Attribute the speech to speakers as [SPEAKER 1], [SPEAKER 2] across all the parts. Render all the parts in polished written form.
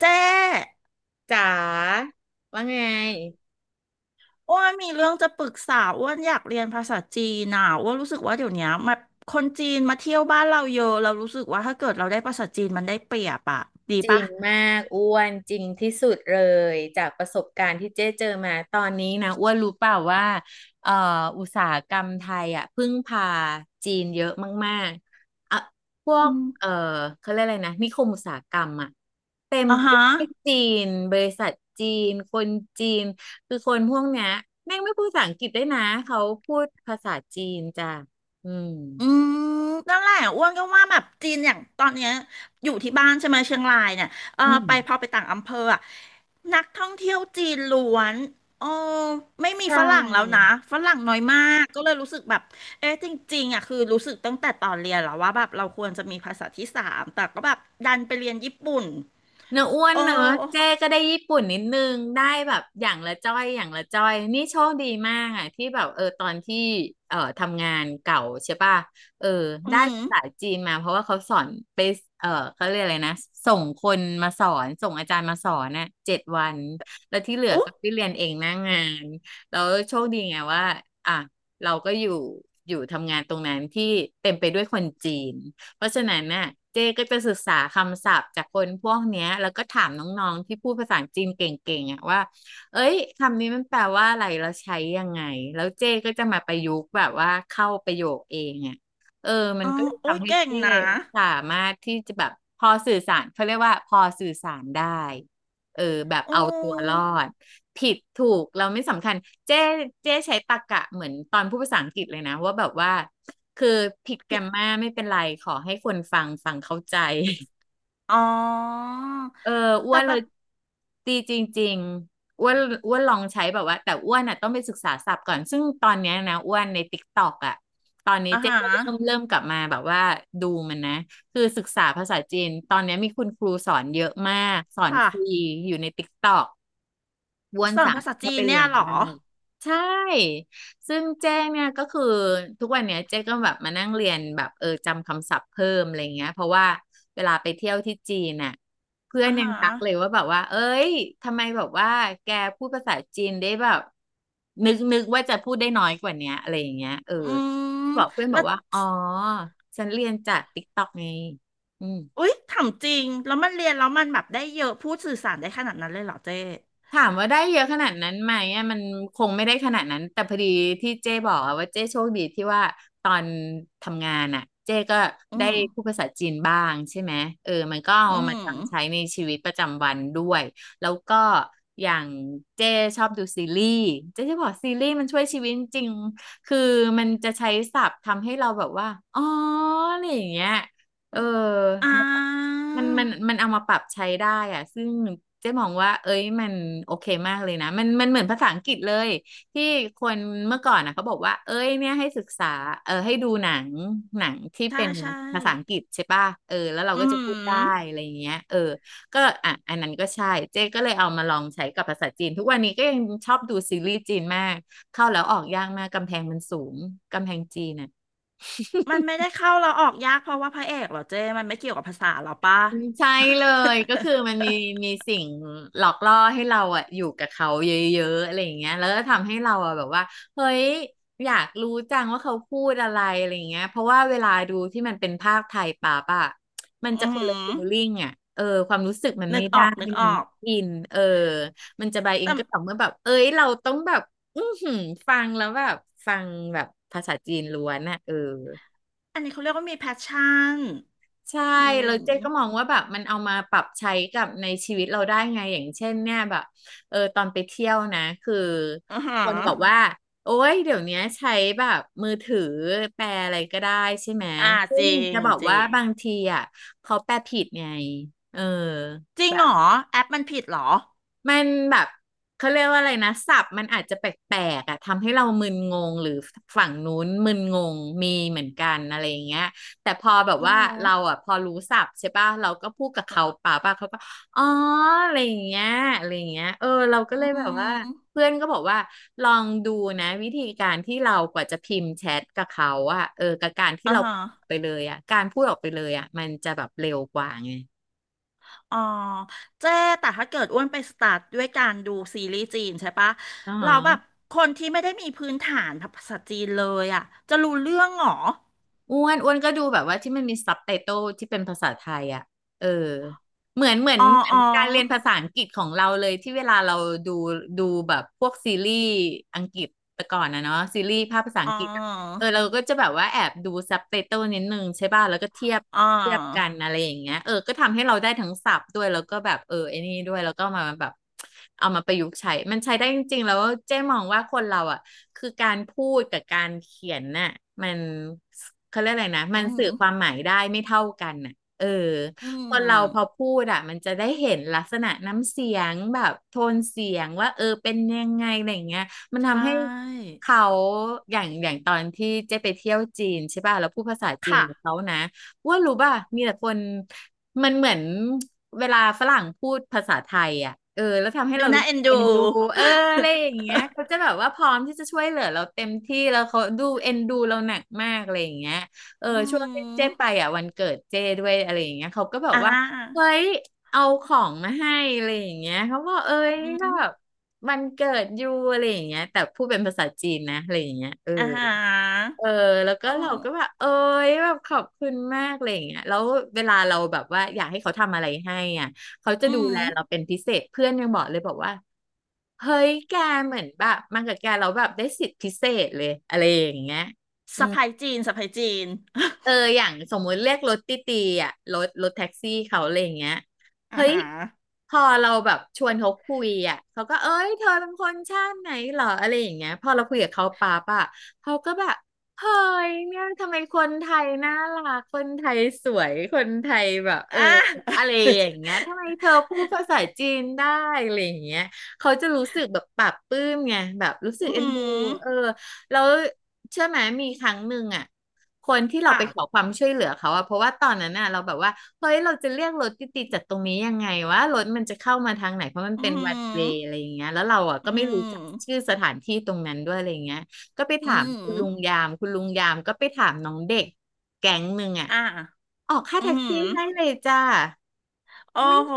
[SPEAKER 1] เจ๊
[SPEAKER 2] จ๋าว่าไง
[SPEAKER 1] อ้วนมีเรื่องจะปรึกษาอ้วนอยากเรียนภาษาจีนน่ะอ้วนรู้สึกว่าเดี๋ยวเนี้ยมาคนจีนมาเที่ยวบ้านเราเยอะเรารู้สึกว่าถ้าเกิดเราได้ภาษาจีนมันได้เปรียบอะดี
[SPEAKER 2] จริ
[SPEAKER 1] ปะ
[SPEAKER 2] งมากอ้วนจริงที่สุดเลยจากประสบการณ์ที่เจ๊เจอมาตอนนี้นะอ้วนรู้เปล่าว่าเอ่ออุตสาหกรรมไทยอ่ะพึ่งพาจีนเยอะมากๆอ่ะพว
[SPEAKER 1] อื
[SPEAKER 2] ก
[SPEAKER 1] ม
[SPEAKER 2] เอ่อเขาเรียกอะไรนะนิคมอุตสาหกรรมอ่ะเต็ม
[SPEAKER 1] อ่ะ
[SPEAKER 2] ไป
[SPEAKER 1] ฮะ
[SPEAKER 2] ด้วยจีนบริษัทจีนคนจีนคือคนพวกเนี้ยแม่งไม่พูดภาษาอังกฤษด้วยนะเขาพูดภาษาจีนจ้ะอืม
[SPEAKER 1] อืมนั่นแหละอ้วนก็ว่าแบบจีนอย่างตอนเนี้ยอยู่ที่บ้านใช่ไหมเชียงรายเนี่ยเออ
[SPEAKER 2] อื
[SPEAKER 1] ไปพอ
[SPEAKER 2] ม
[SPEAKER 1] ไปต่างอำเภออะนักท่องเที่ยวจีนล้วนโอ้ไม่มี
[SPEAKER 2] ใช
[SPEAKER 1] ฝรั่งแล้วนะ
[SPEAKER 2] ่
[SPEAKER 1] ฝรั่งน้อยมากก็เลยรู้สึกแบบเอ๊ะจริงๆอะคือรู้สึกตั้งแต่ตอนเรียนแล้วว่าแบบเราควรจะมีภาษาที่สามแต่ก็แบบดันไปเรียนญี่ปุ่น
[SPEAKER 2] เนื้ออ้ว
[SPEAKER 1] โอ
[SPEAKER 2] นเนอะเจ๊
[SPEAKER 1] ้
[SPEAKER 2] ก็ได้ญี่ปุ่นนิดนึงได้แบบอย่างละจ้อยอย่างละจ้อยนี่โชคดีมากอ่ะที่แบบเออตอนที่ทำงานเก่าใช่ป่ะเออ
[SPEAKER 1] อื
[SPEAKER 2] ได้
[SPEAKER 1] ม
[SPEAKER 2] ภาษาจีนมาเพราะว่าเขาสอนไปเออเขาเรียกอะไรนะส่งคนมาสอนส่งอาจารย์มาสอนน่ะ7 วันแล้วที่เหลือ
[SPEAKER 1] อุ๊ย
[SPEAKER 2] ก็ไปเรียนเองหน้างานแล้วโชคดีไงว่าอ่ะเราก็อยู่อยู่ทำงานตรงนั้นที่เต็มไปด้วยคนจีน เพราะฉะนั้นน่ะเจ๊ก็จะศึกษาคำศัพท์จากคนพวกเนี้ยแล้วก็ถามน้องๆที่พูดภาษาจีนเก่งๆอ่ะว่าเอ้ยคำนี้มันแปลว่าอะไรเราใช้ยังไงแล้วเจ๊ก็จะมาประยุกต์แบบว่าเข้าประโยคเองอ่ะเออมั
[SPEAKER 1] อ๋
[SPEAKER 2] น
[SPEAKER 1] อ
[SPEAKER 2] ก็เลย
[SPEAKER 1] โอ้ย
[SPEAKER 2] ทำให้
[SPEAKER 1] เก่ง
[SPEAKER 2] เจ๊
[SPEAKER 1] นะ
[SPEAKER 2] สามารถที่จะแบบพอสื่อสารเขาเรียกว่าพอสื่อสารได้เออแบบ
[SPEAKER 1] โอ
[SPEAKER 2] เอาตัวร
[SPEAKER 1] ้
[SPEAKER 2] อดผิดถูกเราไม่สำคัญเจ๊เจ๊ใช้ตรรกะเหมือนตอนพูดภาษาอังกฤษเลยนะว่าแบบว่า คือผิดแกร
[SPEAKER 1] ผิด
[SPEAKER 2] มมาไม่เป็นไรขอให้คนฟังฟังเข้าใจ
[SPEAKER 1] อ๋อ
[SPEAKER 2] เอออ้
[SPEAKER 1] แต่
[SPEAKER 2] วน
[SPEAKER 1] แบ
[SPEAKER 2] เลย
[SPEAKER 1] บ
[SPEAKER 2] ดีจริงๆอ้วนลองใช้แบบว่าแต่อ้วนอ่ะต้องไปศึกษาศัพท์ก่อนซึ่งตอนเนี้ยนะอ้วนในติ๊กตอกอ่ะตอนนี้
[SPEAKER 1] อา
[SPEAKER 2] เจ๊
[SPEAKER 1] ฮะ
[SPEAKER 2] ก็เริ่มกลับมาแบบว่าดูมันนะคือศึกษาภาษาจีนตอนเนี้ยมีคุณครูสอนเยอะมากสอน
[SPEAKER 1] ค่ะ
[SPEAKER 2] ฟรีอยู่ในติ๊กตอก บ้วน
[SPEAKER 1] สอน
[SPEAKER 2] สาม
[SPEAKER 1] ภาษาจี
[SPEAKER 2] ถ้า
[SPEAKER 1] น
[SPEAKER 2] ไป
[SPEAKER 1] เนี่
[SPEAKER 2] เรีย
[SPEAKER 1] ย
[SPEAKER 2] น
[SPEAKER 1] เหรอ
[SPEAKER 2] ได้ใช่ซึ่งเจ้เนี่ยก็คือทุกวันเนี้ยเจ้ก็แบบมานั่งเรียนแบบเออจำคำศัพท์เพิ่มอะไรเงี้ยเพราะว่าเวลาไปเที่ยวที่จีนน่ะเพื่อ
[SPEAKER 1] อ่า
[SPEAKER 2] นยัง
[SPEAKER 1] ฮะ
[SPEAKER 2] ทักเลยว่าแบบว่าเอ้ยทำไมแบบว่าแกพูดภาษาจีนได้แบบนึกว่าจะพูดได้น้อยกว่าเนี้ยอะไรอย่างเงี้ยเออ
[SPEAKER 1] อืม
[SPEAKER 2] บอกเพื่อนบ
[SPEAKER 1] แล้
[SPEAKER 2] อก
[SPEAKER 1] ว
[SPEAKER 2] ว่าอ๋อฉันเรียนจากติ๊กต็อกไงอืม
[SPEAKER 1] อุ๊ยถามจริง แล้วมันเรียนแล้วมันแบบได้เยอะพูดสื่อสารได้ขนาดนั้นเลยเหรอเจ๊
[SPEAKER 2] ถามว่าได้เยอะขนาดนั้นไหมอ่ะมันคงไม่ได้ขนาดนั้นแต่พอดีที่เจ้บอกอะว่าเจ้โชคดีที่ว่าตอนทำงานอ่ะเจ้ก็
[SPEAKER 1] อื
[SPEAKER 2] ได้
[SPEAKER 1] ม
[SPEAKER 2] พูดภาษาจีนบ้างใช่ไหมเออมันก็เอา
[SPEAKER 1] อื
[SPEAKER 2] มา
[SPEAKER 1] ม
[SPEAKER 2] จำใช้ในชีวิตประจำวันด้วยแล้วก็อย่างเจ้ชอบดูซีรีส์เจ้จะบอกซีรีส์มันช่วยชีวิตจริงคือมันจะใช้ศัพท์ทำให้เราแบบว่าอ๋ออะไรอย่างเงี้ยเออ
[SPEAKER 1] อ่า
[SPEAKER 2] มันเอามาปรับใช้ได้อะซึ่งเจ๊มองว่าเอ้ยมันโอเคมากเลยนะ มันเหมือนภาษาอังกฤษเลยที่คนเมื่อก่อนนะเขาบอกว่าเอ้ยเนี่ยให้ศึกษาเออให้ดูหนังหนังที่
[SPEAKER 1] ใช่
[SPEAKER 2] เป็น
[SPEAKER 1] ใช่
[SPEAKER 2] ภาษาอังกฤษใช่ป่ะเออแล้วเรา
[SPEAKER 1] อื
[SPEAKER 2] ก็
[SPEAKER 1] ม
[SPEAKER 2] จะพูดได้อะไรอย่างเงี้ยเออก็อ่ะอันนั้นก็ใช่เจ๊ก็เลยเอามาลองใช้กับภาษาจีนทุกวันนี้ก็ยังชอบดูซีรีส์จีนมากเข้าแล้วออกยากมากกำแพงมันสูงกำแพงจีนอ่ะ
[SPEAKER 1] มันไม่ได้เข้าเราออกยากเพราะว่าพระเอกเหรอเจ๊มันไม่เกี่ยวกับภาษาเหรอปะ
[SPEAKER 2] ใช่เลยก็คือมันมีมีสิ่งหลอกล่อให้เราอะอยู่กับเขาเยอะๆอะไรอย่างเงี้ยแล้วก็ทำให้เราอะแบบว่าเฮ้ยอยากรู้จังว่าเขาพูดอะไรอะไรอย่างเงี้ยเพราะว่าเวลาดูที่มันเป็นภาคไทยป่๊ป่ะ มันจะ
[SPEAKER 1] อื
[SPEAKER 2] คนละ
[SPEAKER 1] ม
[SPEAKER 2] ฟีลลิ่งอะเออความรู้สึกมัน
[SPEAKER 1] นึ
[SPEAKER 2] ไม่
[SPEAKER 1] กอ
[SPEAKER 2] ได้
[SPEAKER 1] อกนึกอ
[SPEAKER 2] มัน
[SPEAKER 1] อก
[SPEAKER 2] ไม่อินเออมันจะบายอิน
[SPEAKER 1] แต่
[SPEAKER 2] ก็ต่อเมื่อแบบเอ้ยเราต้องแบบอื้อหือฟังแล้วแบบฟังแบบภาษาจีนล้วนอะเออ
[SPEAKER 1] อันนี้เขาเรียกว่ามีแพชชั่น
[SPEAKER 2] ใช่
[SPEAKER 1] อืม
[SPEAKER 2] แล้วเจ๊ก็มองว่าแบบมันเอามาปรับใช้กับในชีวิตเราได้ไง อย่างเช่นเนี่ยแบบ เออตอนไปเที่ยวนะ คือ
[SPEAKER 1] อ่าฮะ
[SPEAKER 2] คนบอกว่าโอ๊ยเดี๋ยวเนี้ยใช้แบบมือถือแปลอะไรก็ได้ใช่ไหม
[SPEAKER 1] อ่า
[SPEAKER 2] ซึ่
[SPEAKER 1] จ
[SPEAKER 2] ง
[SPEAKER 1] ริง
[SPEAKER 2] จะบอก
[SPEAKER 1] จริ
[SPEAKER 2] ว่า
[SPEAKER 1] ง
[SPEAKER 2] บางทีอ่ะเขาแปลผิดไง เออ
[SPEAKER 1] จริง
[SPEAKER 2] แบ
[SPEAKER 1] เหร
[SPEAKER 2] บ
[SPEAKER 1] อแอปมันผิดเหรอ
[SPEAKER 2] มันแบบเขาเรียกว่าอะไรนะศัพท์มันอาจจะแปลกๆอ่ะทำให้เรามึนงงหรือฝั่งนู้นมึนงงมีเหมือนกันอะไรอย่างเงี้ยแต่พอแบบ
[SPEAKER 1] อื
[SPEAKER 2] ว่า
[SPEAKER 1] ม
[SPEAKER 2] เราอ่ะพอรู้ศัพท์ใช่ป่ะเราก็พูดกับเขาป่าป่ะเขาก็อ๋ออะไรอย่างเงี้ยอะไรอย่างเงี้ยเออเราก็
[SPEAKER 1] อื
[SPEAKER 2] เลยแบบว่า
[SPEAKER 1] ม
[SPEAKER 2] เพื่อนก็บอกว่าลองดูนะวิธีการที่เรากว่าจะพิมพ์แชทกับเขาอ่ะเออกับการที่
[SPEAKER 1] อ่า
[SPEAKER 2] เรา
[SPEAKER 1] ฮะ
[SPEAKER 2] ไปเลยอ่ะการพูดออกไปเลยอ่ะมันจะแบบเร็วกว่าไง
[SPEAKER 1] อ๋อเจ๊แต่ถ้าเกิดอ้วนไปสตาร์ทด้วยการดูซีรีส์จีนใช่ปะ
[SPEAKER 2] อ๋
[SPEAKER 1] เราแบบ
[SPEAKER 2] อ
[SPEAKER 1] คนที่ไม่ได้มีพื้นฐานภาษาจีนเลยอ่ะจะรู้เรื่องเหรอ
[SPEAKER 2] อ้วนก็ดูแบบว่าที่มันมีซับไตเติลที่เป็นภาษาไทยอ่ะเออ เหมือนเหมือน
[SPEAKER 1] อ๋อ
[SPEAKER 2] เหมือ
[SPEAKER 1] อ๋
[SPEAKER 2] น
[SPEAKER 1] อ
[SPEAKER 2] การเรียนภาษาอังกฤษของเราเลยที่เวลาเราดูดูแบบพวกซีรีส์อังกฤษแต่ก่อนนะเนาะซีรีส์ภาคภาษา
[SPEAKER 1] อ๋
[SPEAKER 2] อั
[SPEAKER 1] อ
[SPEAKER 2] งกฤษ เออเราก็จะแบบว่าแอบดูซับไตเติลนิดนึงใช่ป่ะแล้วก็เทียบ
[SPEAKER 1] อ๋อ
[SPEAKER 2] เทียบกันอะไรอย่างเงี้ยเออก็ทำให้เราได้ทั้งศัพท์ด้วยแล้วก็แบบเออไอ้นี่ด้วยแล้วก็มาแบบเอามาประยุกต์ใช้มันใช้ได้จริงๆแล้วเจ๊มองว่าคนเราอ่ะคือการพูดกับการเขียนน่ะมันเขาเรียกอะไรนะมั
[SPEAKER 1] อื
[SPEAKER 2] นสื่
[SPEAKER 1] ม
[SPEAKER 2] อความหมายได้ไม่เท่ากันน่ะเออ
[SPEAKER 1] อื
[SPEAKER 2] คนเราพอ
[SPEAKER 1] ม
[SPEAKER 2] พูดอ่ะมันจะได้เห็นลักษณะน้ำเสียงแบบโทนเสียงว่าเออเป็นยังไงอะไรอย่างเงี้ย มัน
[SPEAKER 1] ใช
[SPEAKER 2] ทำให้
[SPEAKER 1] ่
[SPEAKER 2] เขาอย่างอย่างตอนที่เจ๊ไปเที่ยวจีนใช่ป่ะแล้วพูดภาษาจีน
[SPEAKER 1] ค่ะ
[SPEAKER 2] กับเขานะว่ารู้ป่ะมีแต่คนมันเหมือนเวลาฝรั่งพูดภาษาไทยอ่ะเออแล้วทำให้
[SPEAKER 1] ดู
[SPEAKER 2] เรา
[SPEAKER 1] น่า
[SPEAKER 2] รู้
[SPEAKER 1] เอ็
[SPEAKER 2] สึ
[SPEAKER 1] น
[SPEAKER 2] ก
[SPEAKER 1] ดู
[SPEAKER 2] เอ็นดูเอออะไรอย่างเงี้ยเขาจะแบบว่าพร้อมที่จะช่วยเหลือเราเต็มที่แล้วเขาดูเอ็นดูเราหนักมากอะไรอย่างเงี้ยเออ
[SPEAKER 1] อื
[SPEAKER 2] ช่วงที่
[SPEAKER 1] ม
[SPEAKER 2] เจ๊ไปอ่ะวันเกิดเจ๊ด้วยอะไรอย่างเงี้ยเขาก็แบบ
[SPEAKER 1] อ่
[SPEAKER 2] ว่าเฮ้
[SPEAKER 1] า
[SPEAKER 2] ยเอาของมาให้อะไรอย่างเงี้ยเขาบอกเอ้ย
[SPEAKER 1] อื
[SPEAKER 2] ก็
[SPEAKER 1] ม
[SPEAKER 2] แบบ มันเกิดอยู่อะไรอย่างเงี้ยแต่พูดเป็นภาษาจีนนะอะไรอย่างเงี้ยเออ
[SPEAKER 1] อ่า
[SPEAKER 2] เออแล้วก็
[SPEAKER 1] อ๋อ
[SPEAKER 2] เราก็แบบเอ้ยแบบขอบคุณมากอะไรอย่างเงี้ยแล้วเวลาเราแบบว่าอยากให้เขาทำอะไรให้อ่ะเขาจะ
[SPEAKER 1] อื
[SPEAKER 2] ดู
[SPEAKER 1] ม
[SPEAKER 2] แลเราเป็นพิเศษเพื่อนยังบอกเลยบอกว่าเฮ้ยแกเหมือนแบบมากับแกเราแล้วแบบได้สิทธิพิเศษเลยอะไรอย่างเงี้ยอื
[SPEAKER 1] สะใภ้จีนสะใภ้จีน
[SPEAKER 2] เอออย่างสมมุติเรียกรถตี้ตีอ่ะรถแท็กซี่เขาอะไรอย่างเงี้ย
[SPEAKER 1] อ่า
[SPEAKER 2] เฮ้
[SPEAKER 1] ฮ
[SPEAKER 2] ย
[SPEAKER 1] ะ
[SPEAKER 2] พอเราแบบชวนเขาคุยอ่ะเขาก็เอ้ยเธอเป็นคนชาติไหนเหรออะไรอย่างเงี้ยพอเราคุยกับเขาปั๊บอ่ะเขาก็แบบเฮ้ยเนี่ยทำไมคนไทยน่ารักคนไทยสวยคนไทยแบบเออ
[SPEAKER 1] อ่
[SPEAKER 2] อะ
[SPEAKER 1] ะ
[SPEAKER 2] ไรอย่างเงี้ยทำไมเธอพูดภาษาจีนได้อะไรอย่างเงี้ยเขาจะรู้สึกแบบปลาบปลื้มไงแบบรู้สึ
[SPEAKER 1] อื
[SPEAKER 2] กเอ็นดู
[SPEAKER 1] ม
[SPEAKER 2] เออแล้วเชื่อไหมมีครั้งหนึ่งอ่ะ คนที่เรา
[SPEAKER 1] ค่ะ
[SPEAKER 2] ไปขอความช่วยเหลือเขาอะเพราะว่าตอนนั้นน่ะเราแบบว่าเฮ้ยเราจะเรียกรถติดๆจากตรงนี้ยังไงว่ารถมันจะเข้ามาทางไหนเพราะมัน
[SPEAKER 1] อื
[SPEAKER 2] เป็นวันเวย์อะไร
[SPEAKER 1] ม
[SPEAKER 2] อย่างเงี้ยแล้วเราอะ
[SPEAKER 1] อื
[SPEAKER 2] ก็ไม่รู้จักชื่
[SPEAKER 1] ม
[SPEAKER 2] อสถานที่ตรงนั้นด้วยอะไรอย่างเงี้ยก็ไป
[SPEAKER 1] อื
[SPEAKER 2] ถามคุณ
[SPEAKER 1] ม
[SPEAKER 2] ลุงยามคุณลุงยามก็ไปถามน้องเด็กแก๊งหนึ่งอะ
[SPEAKER 1] อ่า
[SPEAKER 2] ออกค่า
[SPEAKER 1] อื
[SPEAKER 2] แท็ก
[SPEAKER 1] ม
[SPEAKER 2] ซี่ให้เลยจ้า
[SPEAKER 1] โอ้
[SPEAKER 2] ไม่
[SPEAKER 1] โห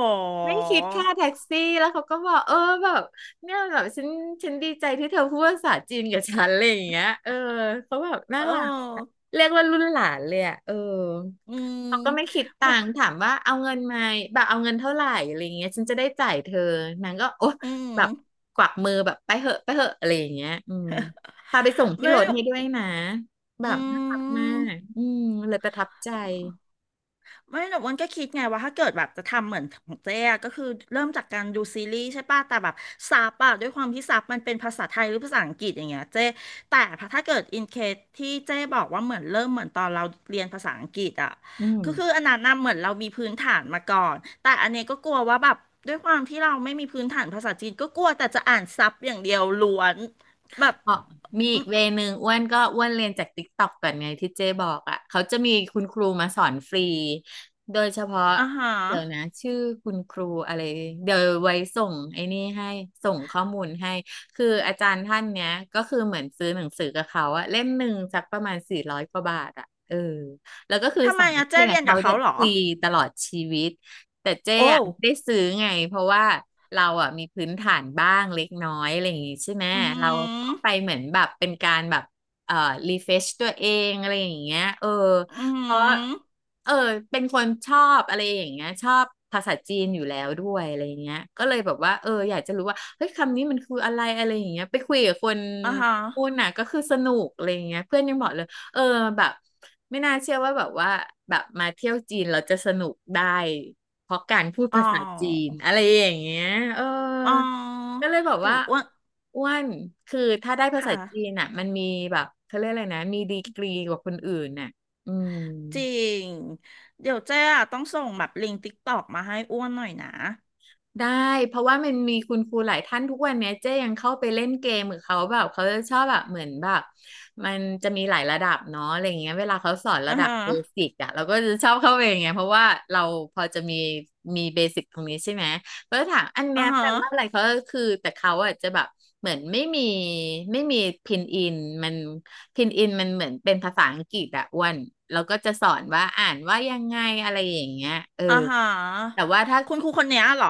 [SPEAKER 2] ไม่คิดค่าแท็กซี่แล้วเขาก็บอกเออแบบเนี่ยแบบฉันดีใจที่เธอพูดภาษาจีนกับฉันอะไรอย่างเงี้ยเออเขาแบบน่า
[SPEAKER 1] เออ
[SPEAKER 2] รัก เรียกว่ารุ่นหลานเลยอ่ะเออ
[SPEAKER 1] อืม
[SPEAKER 2] เขาก็ไม่คิดตั
[SPEAKER 1] ไม่
[SPEAKER 2] งค์ถามว่าเอาเงินไหมาแบบเอาเงินเท่าไหร่อะไรเงี้ยฉันจะได้จ่ายเธอนางก็โอ๊ะ
[SPEAKER 1] อืม
[SPEAKER 2] แบบกวักมือแบบไปเหอะไปเหอะอะไรอย่างเงี้ยอืมพาไปส่งที่
[SPEAKER 1] ไม่
[SPEAKER 2] รถให้ด้วยนะ แบ
[SPEAKER 1] อื
[SPEAKER 2] บน่ารักมา
[SPEAKER 1] ม
[SPEAKER 2] กอืมเลยประทับใจ
[SPEAKER 1] ไม่แต่อ้วันก็คิดไงว่าถ้าเกิดแบบจะทำเหมือนของเจ๊อะก็คือเริ่มจากการดูซีรีส์ใช่ป่ะแต่แบบซับอะด้วยความที่ซับมันเป็นภาษาไทยหรือภาษาอังกฤษอย่างเงี้ยเจ๊แต่ถ้าเกิดอินเคสที่เจ๊บอกว่าเหมือนเริ่มเหมือนตอนเราเรียนภาษาอังกฤษอะ
[SPEAKER 2] อืม
[SPEAKER 1] ก็คืออันนั้นน่ะเหมือนเรามีพื้นฐานมาก่อนแต่อันเนี้ยก็กลัวว่าแบบด้วยความที่เราไม่มีพื้นฐานภาษาจีนก็กลัวแต่จะอ่านซับอย่างเดียวล้วนแบบ
[SPEAKER 2] อ๋อมี
[SPEAKER 1] อ
[SPEAKER 2] อี
[SPEAKER 1] ม
[SPEAKER 2] กเวนึงอ้วนก็อ้วนเรียนจากติ๊กต็อกก่อนไงที่เจ๊บอกอ่ะเขาจะมีคุณครูมาสอนฟรีโดยเฉพาะ
[SPEAKER 1] อ่าฮะ
[SPEAKER 2] เดี๋ยวนะชื่อคุณครูอะไรเดี๋ยวไว้ส่งไอ้นี่ให้ส่งข้อมูลให้คืออาจารย์ท่านเนี้ยก็คือเหมือนซื้อหนังสือกับเขาอะเล่มหนึ่งสักประมาณ400กว่าบาทอะเออแล้วก็คือ
[SPEAKER 1] ทำไม
[SPEAKER 2] สามาร
[SPEAKER 1] อะ
[SPEAKER 2] ถ
[SPEAKER 1] เจ๊
[SPEAKER 2] เรียน
[SPEAKER 1] เรี
[SPEAKER 2] กับ
[SPEAKER 1] ยนกั
[SPEAKER 2] เขา
[SPEAKER 1] บ
[SPEAKER 2] ได้
[SPEAKER 1] เขาเหรอ
[SPEAKER 2] ฟรีตลอดชีวิต แต่เจ๊
[SPEAKER 1] โอ้
[SPEAKER 2] อะไม่ได้ซื้อไงเพราะว่าเราอะมีพื้นฐานบ้างเล็กน้อยอะไรอย่างงี้ใช่ไหม
[SPEAKER 1] อือหื
[SPEAKER 2] เรา
[SPEAKER 1] อ
[SPEAKER 2] ก็ไปเหมือนแบบเป็นการแบบเอ่อรีเฟชตัวเองอะไรอย่างเงี้ยเออ
[SPEAKER 1] อือหื
[SPEAKER 2] เพราะ
[SPEAKER 1] อ
[SPEAKER 2] เออเป็นคนชอบอะไรอย่างเงี้ยชอบภาษาจีนอยู่แล้วด้วยอะไรอย่างเงี้ยก็เลยแบบว่าเอออยากจะรู้ว่าเฮ้ยคำนี้มันคืออะไรอะไรอย่างเงี้ยไปคุยกับคน
[SPEAKER 1] อ่าฮะ
[SPEAKER 2] พูดน่ะก็คือสนุกอะไรอย่างเงี้ยเพื่อนยังบอกเลย เออแบบไม่น่าเชื่อว่าแบบว่าแบบมาเที่ยวจีนเราจะสนุกได้เพราะการพูด
[SPEAKER 1] อ๋อ
[SPEAKER 2] ภาษาจีนอะไรอย่างเงี้ยเออ
[SPEAKER 1] อ๋อ
[SPEAKER 2] ก็เลยบอก
[SPEAKER 1] เดี๋ยว
[SPEAKER 2] ว่า
[SPEAKER 1] อ้วน
[SPEAKER 2] อ้วนคือถ้าได้ภา
[SPEAKER 1] ค่ะ
[SPEAKER 2] ษาจีนอ่ะมันมีแบบเขาเรียกอะไรนะมีดีกรีกว่าคนอื่นน่ะอืม
[SPEAKER 1] จริง เดี๋ยวเจ๊อะต้องส่งแบบลิงก์ติ๊กตอกมาให้อ้วนหน่อยนะ
[SPEAKER 2] ได้เพราะว่ามันมีคุณครูหลายท่านทุกวันเนี้ยเจ๊ยังเข้าไปเล่นเกมกับเขาแบบเขาจะชอบแบบเหมือนแบบมันจะมีหลายระดับเนาะอะไรอย่างเงี้ยเวลาเขาสอนระ
[SPEAKER 1] อ่า
[SPEAKER 2] ดับ
[SPEAKER 1] ฮะ
[SPEAKER 2] เบสิกอะเราก็จะชอบเข้าไปอย่างเงี้ยเพราะว่าเราพอจะมีมีเบสิกตรงนี้ใช่ไหมก็จะถามอัน
[SPEAKER 1] อ่า
[SPEAKER 2] เนี้ยแป
[SPEAKER 1] ฮะ
[SPEAKER 2] ลว่าอะไรเขาก็คือแต่เขาอะจะแบบเหมือนไม่มีพินอินมันพินอินมันเหมือนเป็นภาษาอังกฤษอะอ้วนเราก็จะสอนว่าอ่านว่ายังไงอะไรอย่างเงี้ย
[SPEAKER 1] อ่าฮะ
[SPEAKER 2] แต่ว่าถ้า
[SPEAKER 1] คุณครูคนเนี้ยเหรอ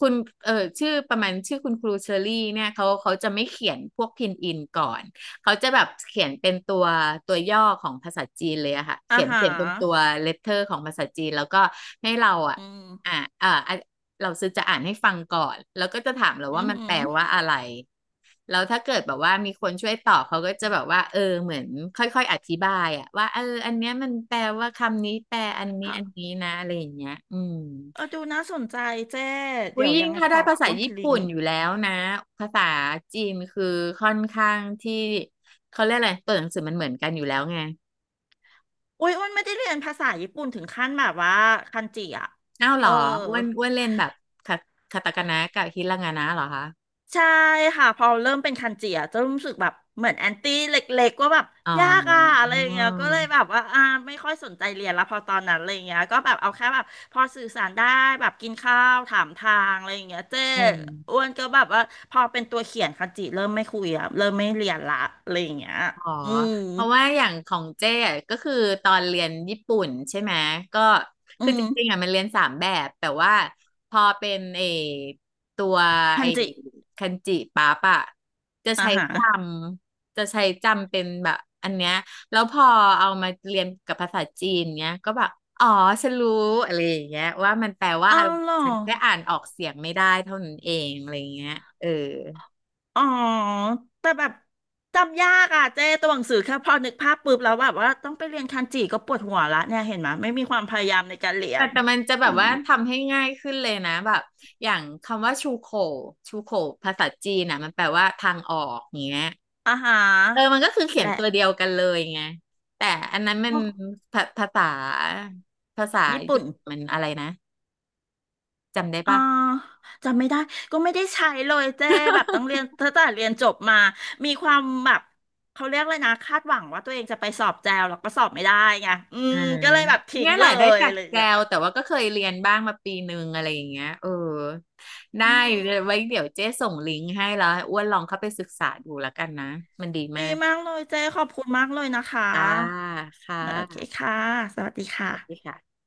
[SPEAKER 2] คุณเออชื่อประมาณชื่อคุณครูเชอรี่เนี่ยเขาจะไม่เขียนพวกพินอินก่อนเขาจะแบบเขียนเป็นตัวตัวย่อของภาษาจีนเลยอะค่ะ
[SPEAKER 1] อ่า
[SPEAKER 2] เขียน
[SPEAKER 1] ฮะ
[SPEAKER 2] เขียนเป็นตัวเลตเตอร์ของภาษาจีนแล้วก็ให้เราอะ
[SPEAKER 1] อืม
[SPEAKER 2] อ่าอ่าอ่ะเราซื้อจะอ่านให้ฟังก่อนแล้วก็จะถามเรา
[SPEAKER 1] อื
[SPEAKER 2] ว่า
[SPEAKER 1] อ
[SPEAKER 2] มันแป
[SPEAKER 1] หื
[SPEAKER 2] ล
[SPEAKER 1] อ
[SPEAKER 2] ว่าอะไรแล้วถ้าเกิดแบบว่ามีคนช่วยตอบเขาก็จะแบบว่าเหมือนค่อยๆอธิบายอะว่าอันเนี้ยมันแปลว่าคำนี้แปลอันนี้อัน
[SPEAKER 1] ค่ะ
[SPEAKER 2] นี้นะอะไรอย่างเงี้ยอืม
[SPEAKER 1] เออดูน่าสนใจเจ๊
[SPEAKER 2] อุ๊
[SPEAKER 1] เดี๋
[SPEAKER 2] ย
[SPEAKER 1] ยว
[SPEAKER 2] ยิ่
[SPEAKER 1] ยั
[SPEAKER 2] ง
[SPEAKER 1] งไง
[SPEAKER 2] ถ้า
[SPEAKER 1] ข
[SPEAKER 2] ได้
[SPEAKER 1] อ
[SPEAKER 2] ภาษา
[SPEAKER 1] อ้วนค
[SPEAKER 2] ญี่
[SPEAKER 1] ดลิ
[SPEAKER 2] ปุ่
[SPEAKER 1] ง
[SPEAKER 2] น
[SPEAKER 1] ก์
[SPEAKER 2] อยู่แล้วนะภาษาจีนคือค่อนข้างที่เขาเรียกอะไรตัวหนังสือมันเหมือนกันอยู่แล้วไง
[SPEAKER 1] อุ้ยอ้วนไม่ได้เรียนภาษาญี่ปุ่นถึงขั้นแบบว่าคันจิอ่ะ
[SPEAKER 2] อ้าวเห
[SPEAKER 1] เอ
[SPEAKER 2] ร
[SPEAKER 1] อ
[SPEAKER 2] ออ้วนเล่นแบบคาคาตาคานะกับฮิรางานะเหรอคะ
[SPEAKER 1] ใช่ค่ะพอเริ่มเป็นคันจิอะจะรู้สึกแบบเหมือนแอนตี้เล็กๆว่าแบบ
[SPEAKER 2] อ๋อ
[SPEAKER 1] ยากอะอะไรอย่างเงี้ยก็เลยแบบว่าอ่าไม่ค่อยสนใจเรียนละพอตอนนั้นอะไรอย่างเงี้ยก็แบบเอาแค่แบบพอสื่อสารได้แบบกินข้าวถามทางอะไรอย่างเงี้ยเจ้
[SPEAKER 2] อืม
[SPEAKER 1] อ้วนก็แบบว่าพอเป็นตัวเขียนคันจิเริ่มไม่คุยอะเริ่มไม่เรียนละอะไรอย่างเงี้ย
[SPEAKER 2] อ๋อ
[SPEAKER 1] อืม
[SPEAKER 2] เพราะว่าอย่างของเจ้อะก็คือตอนเรียนญี่ปุ่นใช่ไหมก็
[SPEAKER 1] อื
[SPEAKER 2] คือจ
[SPEAKER 1] ม
[SPEAKER 2] ริงๆอ่ะมันเรียนสามแบบแต่ว่าพอเป็นไอตัว
[SPEAKER 1] คั
[SPEAKER 2] ไอ
[SPEAKER 1] นจิ
[SPEAKER 2] คันจิปั๊บอะจะ
[SPEAKER 1] อ่า
[SPEAKER 2] ใช้
[SPEAKER 1] ฮะ
[SPEAKER 2] จจะใช้จำเป็นแบบอันเนี้ยแล้วพอเอามาเรียนกับภาษาจีนเนี้ยก็แบบอ๋อฉันรู้อะไรอย่างเงี้ยว่ามันแปลว่า
[SPEAKER 1] เอา
[SPEAKER 2] อะไร
[SPEAKER 1] เหรอ
[SPEAKER 2] ฉันแค่อ่านออกเสียงไม่ได้เท่านั้นเองอะไรอย่างเงี้ยเออ
[SPEAKER 1] อ๋อแต่แบบจำยากอ่ะเจ้ตัวหนังสือแค่พอนึกภาพปุ๊บแล้วแบบว่าต้องไปเรียนคันจิก็ปวดหัวละเนี่ยเห็นไหมยไม่มีความพยายามในการเรีย
[SPEAKER 2] แต่
[SPEAKER 1] น
[SPEAKER 2] แต่มันจะแบ
[SPEAKER 1] อื
[SPEAKER 2] บ
[SPEAKER 1] ม
[SPEAKER 2] ว่าทำให้ง่ายขึ้นเลยนะแบบอย่างคำว่าชูโขภาษาจีนนะมันแปลว่าทางออกอย่างเงี้ย
[SPEAKER 1] อาหาร
[SPEAKER 2] มันก็คือเขียน
[SPEAKER 1] และ
[SPEAKER 2] ตัวเดียวกันเลยไงแต่อันนั้นมั
[SPEAKER 1] พ
[SPEAKER 2] น
[SPEAKER 1] วก
[SPEAKER 2] ภาภาษาภาษา
[SPEAKER 1] ญี่ปุ่น
[SPEAKER 2] ญี่ปุ่นมันอะไรนะจำได้
[SPEAKER 1] อ่า
[SPEAKER 2] ปะ
[SPEAKER 1] จำไม่ได้ก็ไม่ได้ใช้เลยเจ้แบบต้องเรียนตั้งแต่เรียนจบมามีความแบบเขาเรียกเลยนะคาดหวังว่าตัวเองจะไปสอบแจวแล้วก็สอบไม่ได้ไงอืม
[SPEAKER 2] อ่า
[SPEAKER 1] ก็เลยแบบทิ้
[SPEAKER 2] เนี่
[SPEAKER 1] ง
[SPEAKER 2] ยแห
[SPEAKER 1] เล
[SPEAKER 2] ละได้
[SPEAKER 1] ย
[SPEAKER 2] จา
[SPEAKER 1] อะ
[SPEAKER 2] ก
[SPEAKER 1] ไรอย่า
[SPEAKER 2] แก
[SPEAKER 1] งเลยอ่ะ
[SPEAKER 2] วแต่ว่าก็เคยเรียนบ้างมาปีหนึงอะไรอย่างเงี้ยได้
[SPEAKER 1] อืม
[SPEAKER 2] ไว้เดี๋ยวเจ๊ส่งลิงก์ให้แล้วให้อ้วนลองเข้าไปศึกษาดูแล้วกันนะมันดี
[SPEAKER 1] ดี
[SPEAKER 2] มาก
[SPEAKER 1] มากเลยเจ้ขอบคุณมากเลยนะคะ
[SPEAKER 2] จ้าค่ะ
[SPEAKER 1] โอเคค่ะ สวัสดี
[SPEAKER 2] สวัสดี
[SPEAKER 1] ค่ะ
[SPEAKER 2] ค่ะ